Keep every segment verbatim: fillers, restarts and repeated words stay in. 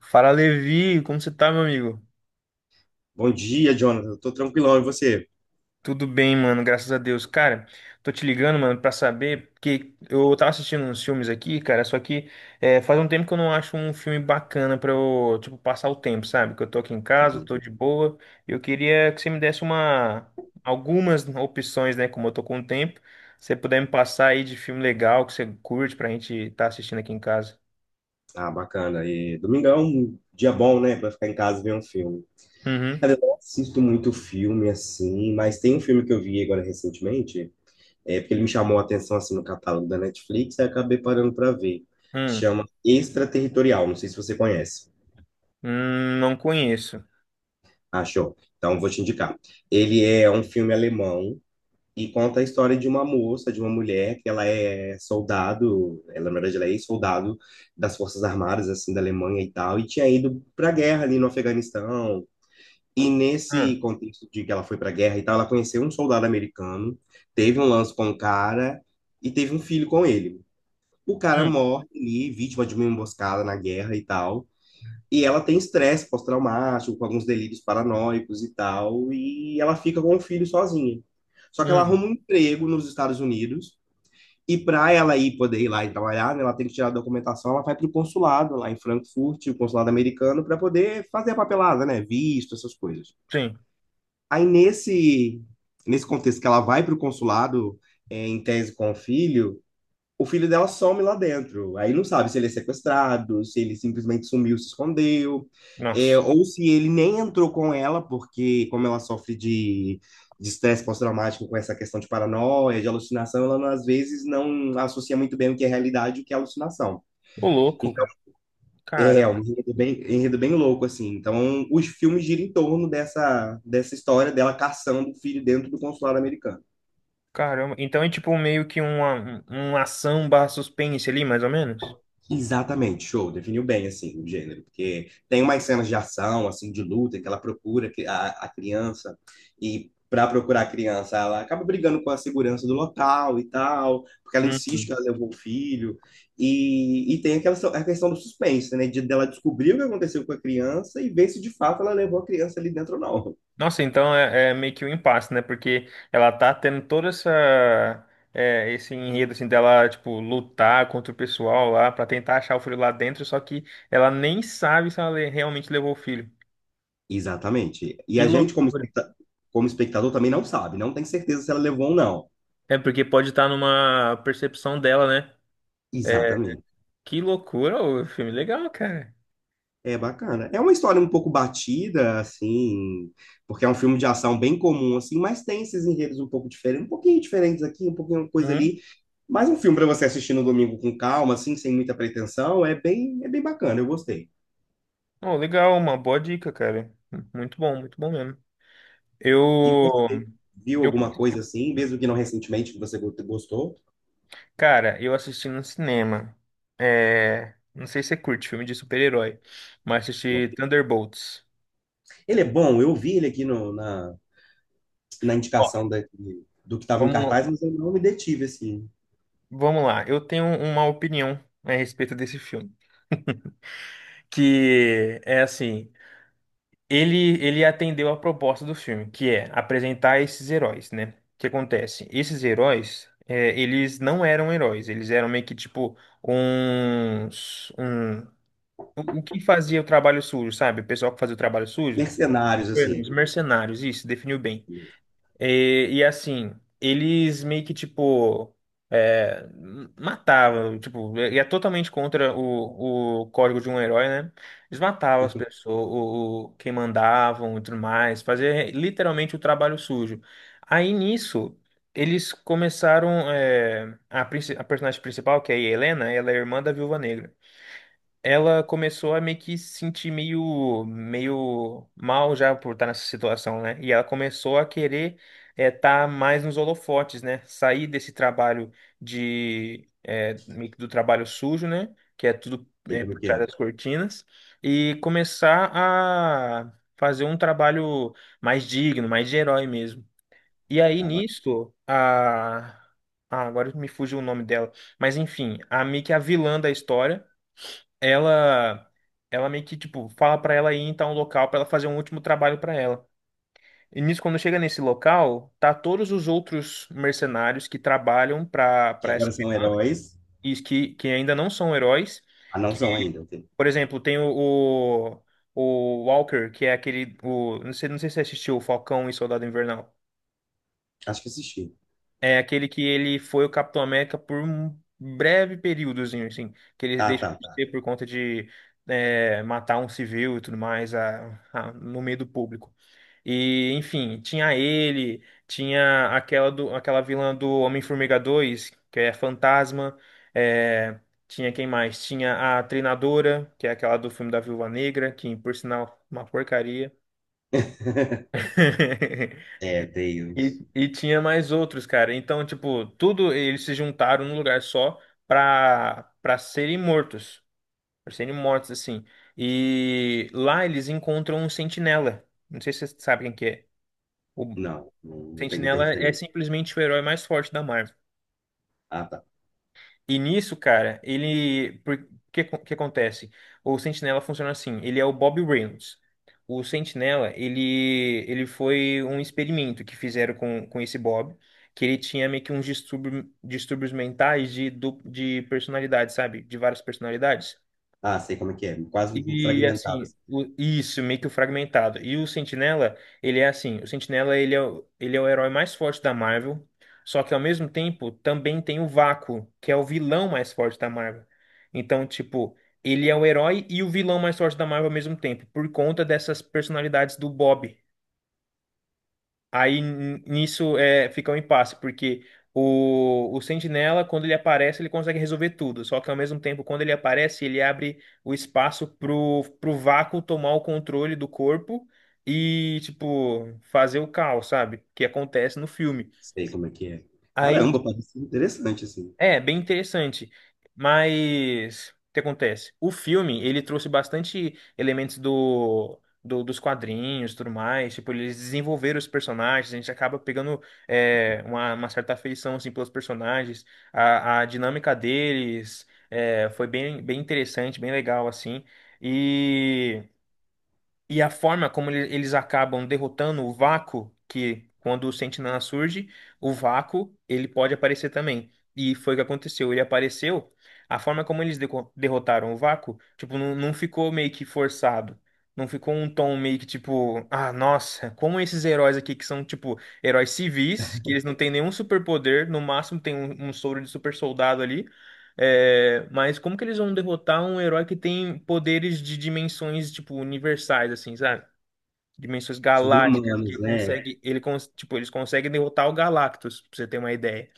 Fala, Levi, como você tá, meu amigo? Bom dia, Jonathan. Eu tô tranquilão, e você? Tudo bem, mano, graças a Deus. Cara, tô te ligando, mano, pra saber, porque eu tava assistindo uns filmes aqui, cara, só que é, faz um tempo que eu não acho um filme bacana pra eu, tipo, passar o tempo, sabe? Que eu tô aqui em casa, tô de boa, eu queria que você me desse uma, algumas opções, né, como eu tô com tempo, se você puder me passar aí de filme legal que você curte pra gente tá assistindo aqui em casa. Ah, bacana. E domingão, é um dia bom, né, pra ficar em casa e ver um filme. Uhum. Cara, eu não assisto muito filme assim, mas tem um filme que eu vi agora recentemente, é porque ele me chamou a atenção assim no catálogo da Netflix, aí eu acabei parando pra ver. Hum, Chama Extraterritorial, não sei se você conhece. hum, não conheço. Achou? Então vou te indicar. Ele é um filme alemão e conta a história de uma moça, de uma mulher, que ela é soldado, ela, na verdade, ela é ex-soldado das Forças Armadas, assim, da Alemanha e tal, e tinha ido para a guerra ali no Afeganistão. E Hum, nesse contexto de que ela foi para a guerra e tal, ela conheceu um soldado americano, teve um lance com o cara e teve um filho com ele. O cara hum, morre ali, vítima de uma emboscada na guerra e tal. E ela tem estresse pós-traumático, com alguns delírios paranoicos e tal, e ela fica com o filho sozinha. Só que ela hum, arruma um emprego nos Estados Unidos, e para ela ir poder ir lá e trabalhar, né, ela tem que tirar a documentação, ela vai para o consulado lá em Frankfurt, o consulado americano, para poder fazer a papelada, né, visto, essas coisas. sim. Aí nesse nesse contexto que ela vai para o consulado é, em tese com o filho, o filho dela some lá dentro. Aí não sabe se ele é sequestrado, se ele simplesmente sumiu, se escondeu, é, Nossa. ou se ele nem entrou com ela, porque como ela sofre de de estresse pós-traumático com essa questão de paranoia, de alucinação, ela às vezes não associa muito bem o que é realidade e o que é alucinação. Ô, louco. Então, é Cara, é um enredo bem, enredo bem louco, assim. Então, os filmes giram em torno dessa, dessa história dela caçando o filho dentro do consulado americano. caramba. Então é tipo meio que uma, um- uma ação barra suspense ali, mais ou menos? Exatamente, show, definiu bem assim o gênero, porque tem umas cenas de ação, assim, de luta, que ela procura que- a, a criança, e para procurar a criança, ela acaba brigando com a segurança do local e tal, porque ela Hum. insiste que ela levou o filho, e, e tem aquela so- a questão do suspense, né, de dela descobrir o que aconteceu com a criança e ver se de fato ela levou a criança ali dentro ou não. Nossa, então é, é meio que um impasse, né? Porque ela tá tendo toda essa... é, esse enredo, assim, dela, tipo, lutar contra o pessoal lá pra tentar achar o filho lá dentro, só que ela nem sabe se ela le- realmente levou o filho. Exatamente, e Que a gente, como loucura. especta- como espectador, também não sabe, não tem certeza se ela levou ou não. É porque pode estar numa percepção dela, né? É, Exatamente. que loucura, o filme legal, cara. É bacana. É uma história um pouco batida, assim, porque é um filme de ação bem comum, assim, mas tem esses enredos um pouco diferentes, um pouquinho diferentes aqui, um pouquinho uma coisa Hum. ali. Mas um filme para você assistir no domingo com calma, assim, sem muita pretensão, é bem, é bem bacana, eu gostei. Oh, legal, uma boa dica, cara. Muito bom, muito bom mesmo. E Eu, você viu eu, alguma coisa assim, mesmo que não recentemente, que você go- gostou? cara, eu assisti no cinema. É, não sei se você curte filme de super-herói, mas Não. assisti Thunderbolts. Ele é bom, eu vi ele aqui no- na, na Ó, indicação da- do que estava em Vamos, cartaz, mas eu não me detive, assim. vamos lá. Eu tenho uma opinião a respeito desse filme, que é assim. Ele, ele atendeu a proposta do filme, que é apresentar esses heróis, né? O que acontece? Esses heróis, é, eles não eram heróis, eles eram meio que tipo uns, um, o o que fazia o trabalho sujo, sabe? O pessoal que fazia o trabalho sujo, Mercenários, os assim, mercenários, isso, definiu bem. E, e, assim, eles meio que, tipo, é, matavam, tipo, e é totalmente contra o, o código de um herói, né? Eles matavam as pessoas, o, o- quem mandavam e tudo mais, fazia literalmente o trabalho sujo. Aí nisso, eles começaram, é, a, princi- a personagem principal, que é a Helena, ela é irmã da Viúva Negra. Ela começou a meio que se sentir meio, meio mal já por estar nessa situação, né? E ela começou a querer estar mais nos holofotes, né? Sair desse trabalho de é, meio que do trabalho sujo, né? Que é tudo sei é, como é por que trás é. das cortinas e começar a fazer um trabalho mais digno, mais de herói mesmo. E aí Acaba- nisto a ah, agora me fugiu o nome dela, mas enfim, a meio que a vilã da história ela ela meio que tipo fala pra ela ir então a um local pra ela fazer um último trabalho pra ela. E nisso quando chega nesse local, tá todos os outros mercenários que trabalham pra Que para agora essa são vilã heróis. e que que ainda não são heróis, Ah, não que são ainda. Ok. por exemplo, tem o, o o Walker, que é aquele o não sei, não sei se você assistiu o Falcão e Soldado Invernal. Acho que assisti. É aquele que ele foi o Capitão América por um breve períodozinho, assim, que ele Ah, deixa tá, de tá. ser por conta de é, matar um civil e tudo mais a- a- no meio do público. E, enfim, tinha ele, tinha aquela, do, aquela vilã do Homem-Formiga dois, que é Fantasma, é, tinha quem mais? Tinha a Treinadora, que é aquela do filme da Viúva Negra, que, por sinal, uma porcaria. É, tem E, e tinha mais outros, cara. Então, tipo, tudo eles se juntaram num lugar só pra, pra serem mortos. Pra serem mortos, assim. E lá eles encontram um sentinela. Não sei se vocês sabem quem que é. O não, não não tem muita sentinela é referência. simplesmente o herói mais forte da Marvel. Ah, tá. E nisso, cara, ele. Por que que acontece? O Sentinela funciona assim, ele é o Bob Reynolds. O Sentinela, ele, ele foi um experimento que fizeram com, com esse Bob, que ele tinha meio que uns distúrbio, distúrbios mentais de, du- de personalidade, sabe? De várias personalidades. Ah, sei como é que é. Quase um E fragmentado, assim, assim. o- isso, meio que o fragmentado. E o Sentinela, ele é assim, o Sentinela ele é, o- ele é o herói mais forte da Marvel, só que ao mesmo tempo também tem o Vácuo, que é o vilão mais forte da Marvel. Então, tipo, ele é o herói e o vilão mais forte da Marvel ao mesmo tempo, por conta dessas personalidades do Bob. Aí n- nisso é, fica um impasse, porque o, o Sentinela, quando ele aparece, ele consegue resolver tudo. Só que ao mesmo tempo, quando ele aparece, ele abre o espaço pro, pro vácuo tomar o controle do corpo e, tipo, fazer o caos, sabe? Que acontece no filme. Sei como é que é. Aí Caramba, parece interessante, assim. é, bem interessante. Mas o que acontece? O filme, ele trouxe bastante elementos do, do- dos quadrinhos, e tudo mais. Tipo, eles desenvolveram os personagens, a gente acaba pegando é, uma, uma certa afeição assim pelos personagens. A, a dinâmica deles é, foi bem, bem interessante, bem legal assim. E e a forma como ele- eles acabam derrotando o vácuo, que quando o Sentinela surge, o vácuo, ele pode aparecer também. E foi o que aconteceu. Ele apareceu, a forma como eles deco- derrotaram o vácuo, tipo, não, não ficou meio que forçado. Não ficou um tom meio que tipo, ah, nossa, como esses heróis aqui que são, tipo, heróis civis, que eles não têm nenhum superpoder, no máximo tem um, um soro de super soldado ali. É, mas como que eles vão derrotar um herói que tem poderes de dimensões, tipo, universais, assim, sabe? Dimensões Sobre galácticas, que humanos, né? consegue, ele, cons- tipo, eles conseguem derrotar o Galactus, pra você ter uma ideia.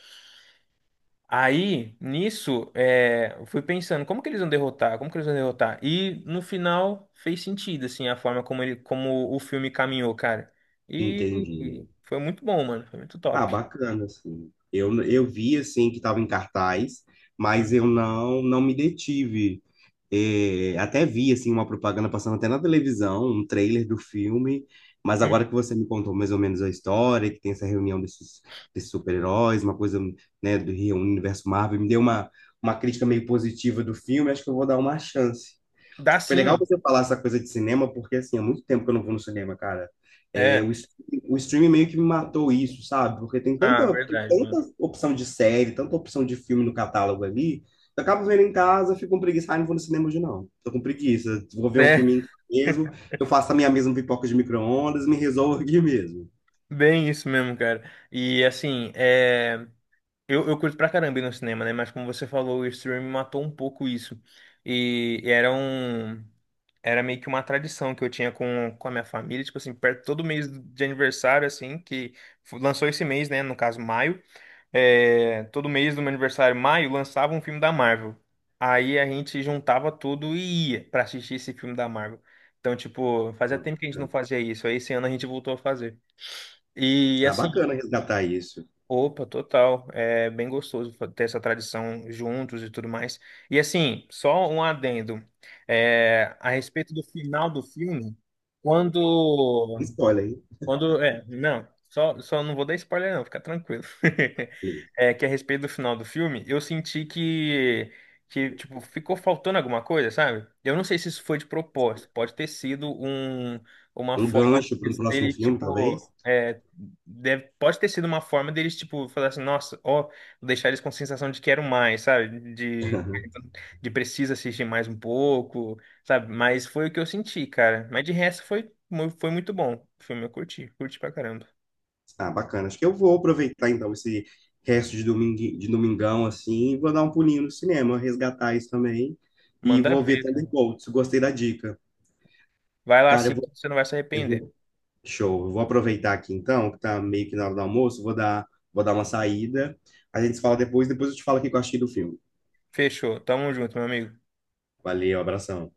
Aí, nisso, é, eu fui pensando, como que eles vão derrotar? Como que eles vão derrotar? E, no final, fez sentido, assim, a forma como ele, como o filme caminhou, cara. E Entendi. foi muito bom, mano, foi muito Ah, top. bacana, assim. Eu, eu vi, assim, que estava em cartaz, mas Hum, eu não, não me detive. É, até vi assim uma propaganda passando até na televisão, um trailer do filme, mas agora hum. que você me contou mais ou menos a história, que tem essa reunião desses, desses super-heróis, uma coisa, né, do Rio Universo Marvel, me deu uma, uma crítica meio positiva do filme, acho que eu vou dar uma chance. Dá Foi sim, legal mano. você falar essa coisa de cinema, porque assim, há muito tempo que eu não vou no cinema, cara. É, o, É, stre- o streaming meio que me matou isso, sabe? Porque tem ah, tanta, tem verdade, mano. tanta opção de série, tanta opção de filme no catálogo ali. Eu acabo vendo em casa, fico com preguiça, ah, não vou no cinema hoje não. Tô com preguiça. Vou ver um filme É. em casa mesmo, eu faço a minha mesma pipoca de micro-ondas, me resolvo aqui mesmo. Bem isso mesmo, cara. E assim, é... eu, eu curto pra caramba ir no cinema, né? Mas como você falou, o streaming matou um pouco isso. E era um... Era meio que uma tradição que eu tinha com, com a minha família, tipo assim, perto todo mês de aniversário, assim, que fu- lançou esse mês, né? No caso, maio. É... Todo mês do meu aniversário, maio, lançava um filme da Marvel. Aí a gente juntava tudo e ia pra assistir esse filme da Marvel. Então, tipo, Ah, fazia tempo que a gente não bacana. fazia isso. Aí esse ano a gente voltou a fazer. E Ah, assim. bacana resgatar isso. Opa, total. É bem gostoso fa- ter essa tradição juntos e tudo mais. E assim, só um adendo. É, a respeito do final do filme, quando Spoiler, hein? quando, é, não, só, só não vou dar spoiler não, fica tranquilo. É que a respeito do final do filme, eu senti que, que, tipo, ficou faltando alguma coisa, sabe? Eu não sei se isso foi de propósito, pode ter sido um, uma Um forma gancho para um próximo deles, filme, tipo, talvez. é, deve, pode ter sido uma forma deles, tipo, falar assim, nossa, ó, vou deixar eles com sensação de quero mais, sabe? De, de precisa assistir mais um pouco sabe? Mas foi o que eu senti, cara. Mas de resto foi, mu- foi muito bom. O filme eu curti, curti pra caramba. Ah, bacana. Acho que eu vou aproveitar então esse resto de domingo, de domingão assim, e vou dar um pulinho no cinema, resgatar isso também e Manda vou ver ver, cara. Thunderbolts. Gostei da dica. Vai lá Cara, eu sim que vou, você não vai se eu arrepender. vou, show. Eu vou aproveitar aqui então, que tá meio que na hora do almoço, vou dar, vou dar uma saída. A gente se fala depois, depois eu te falo o que eu achei do filme. Fechou. Tamo junto, meu amigo. Valeu, abração.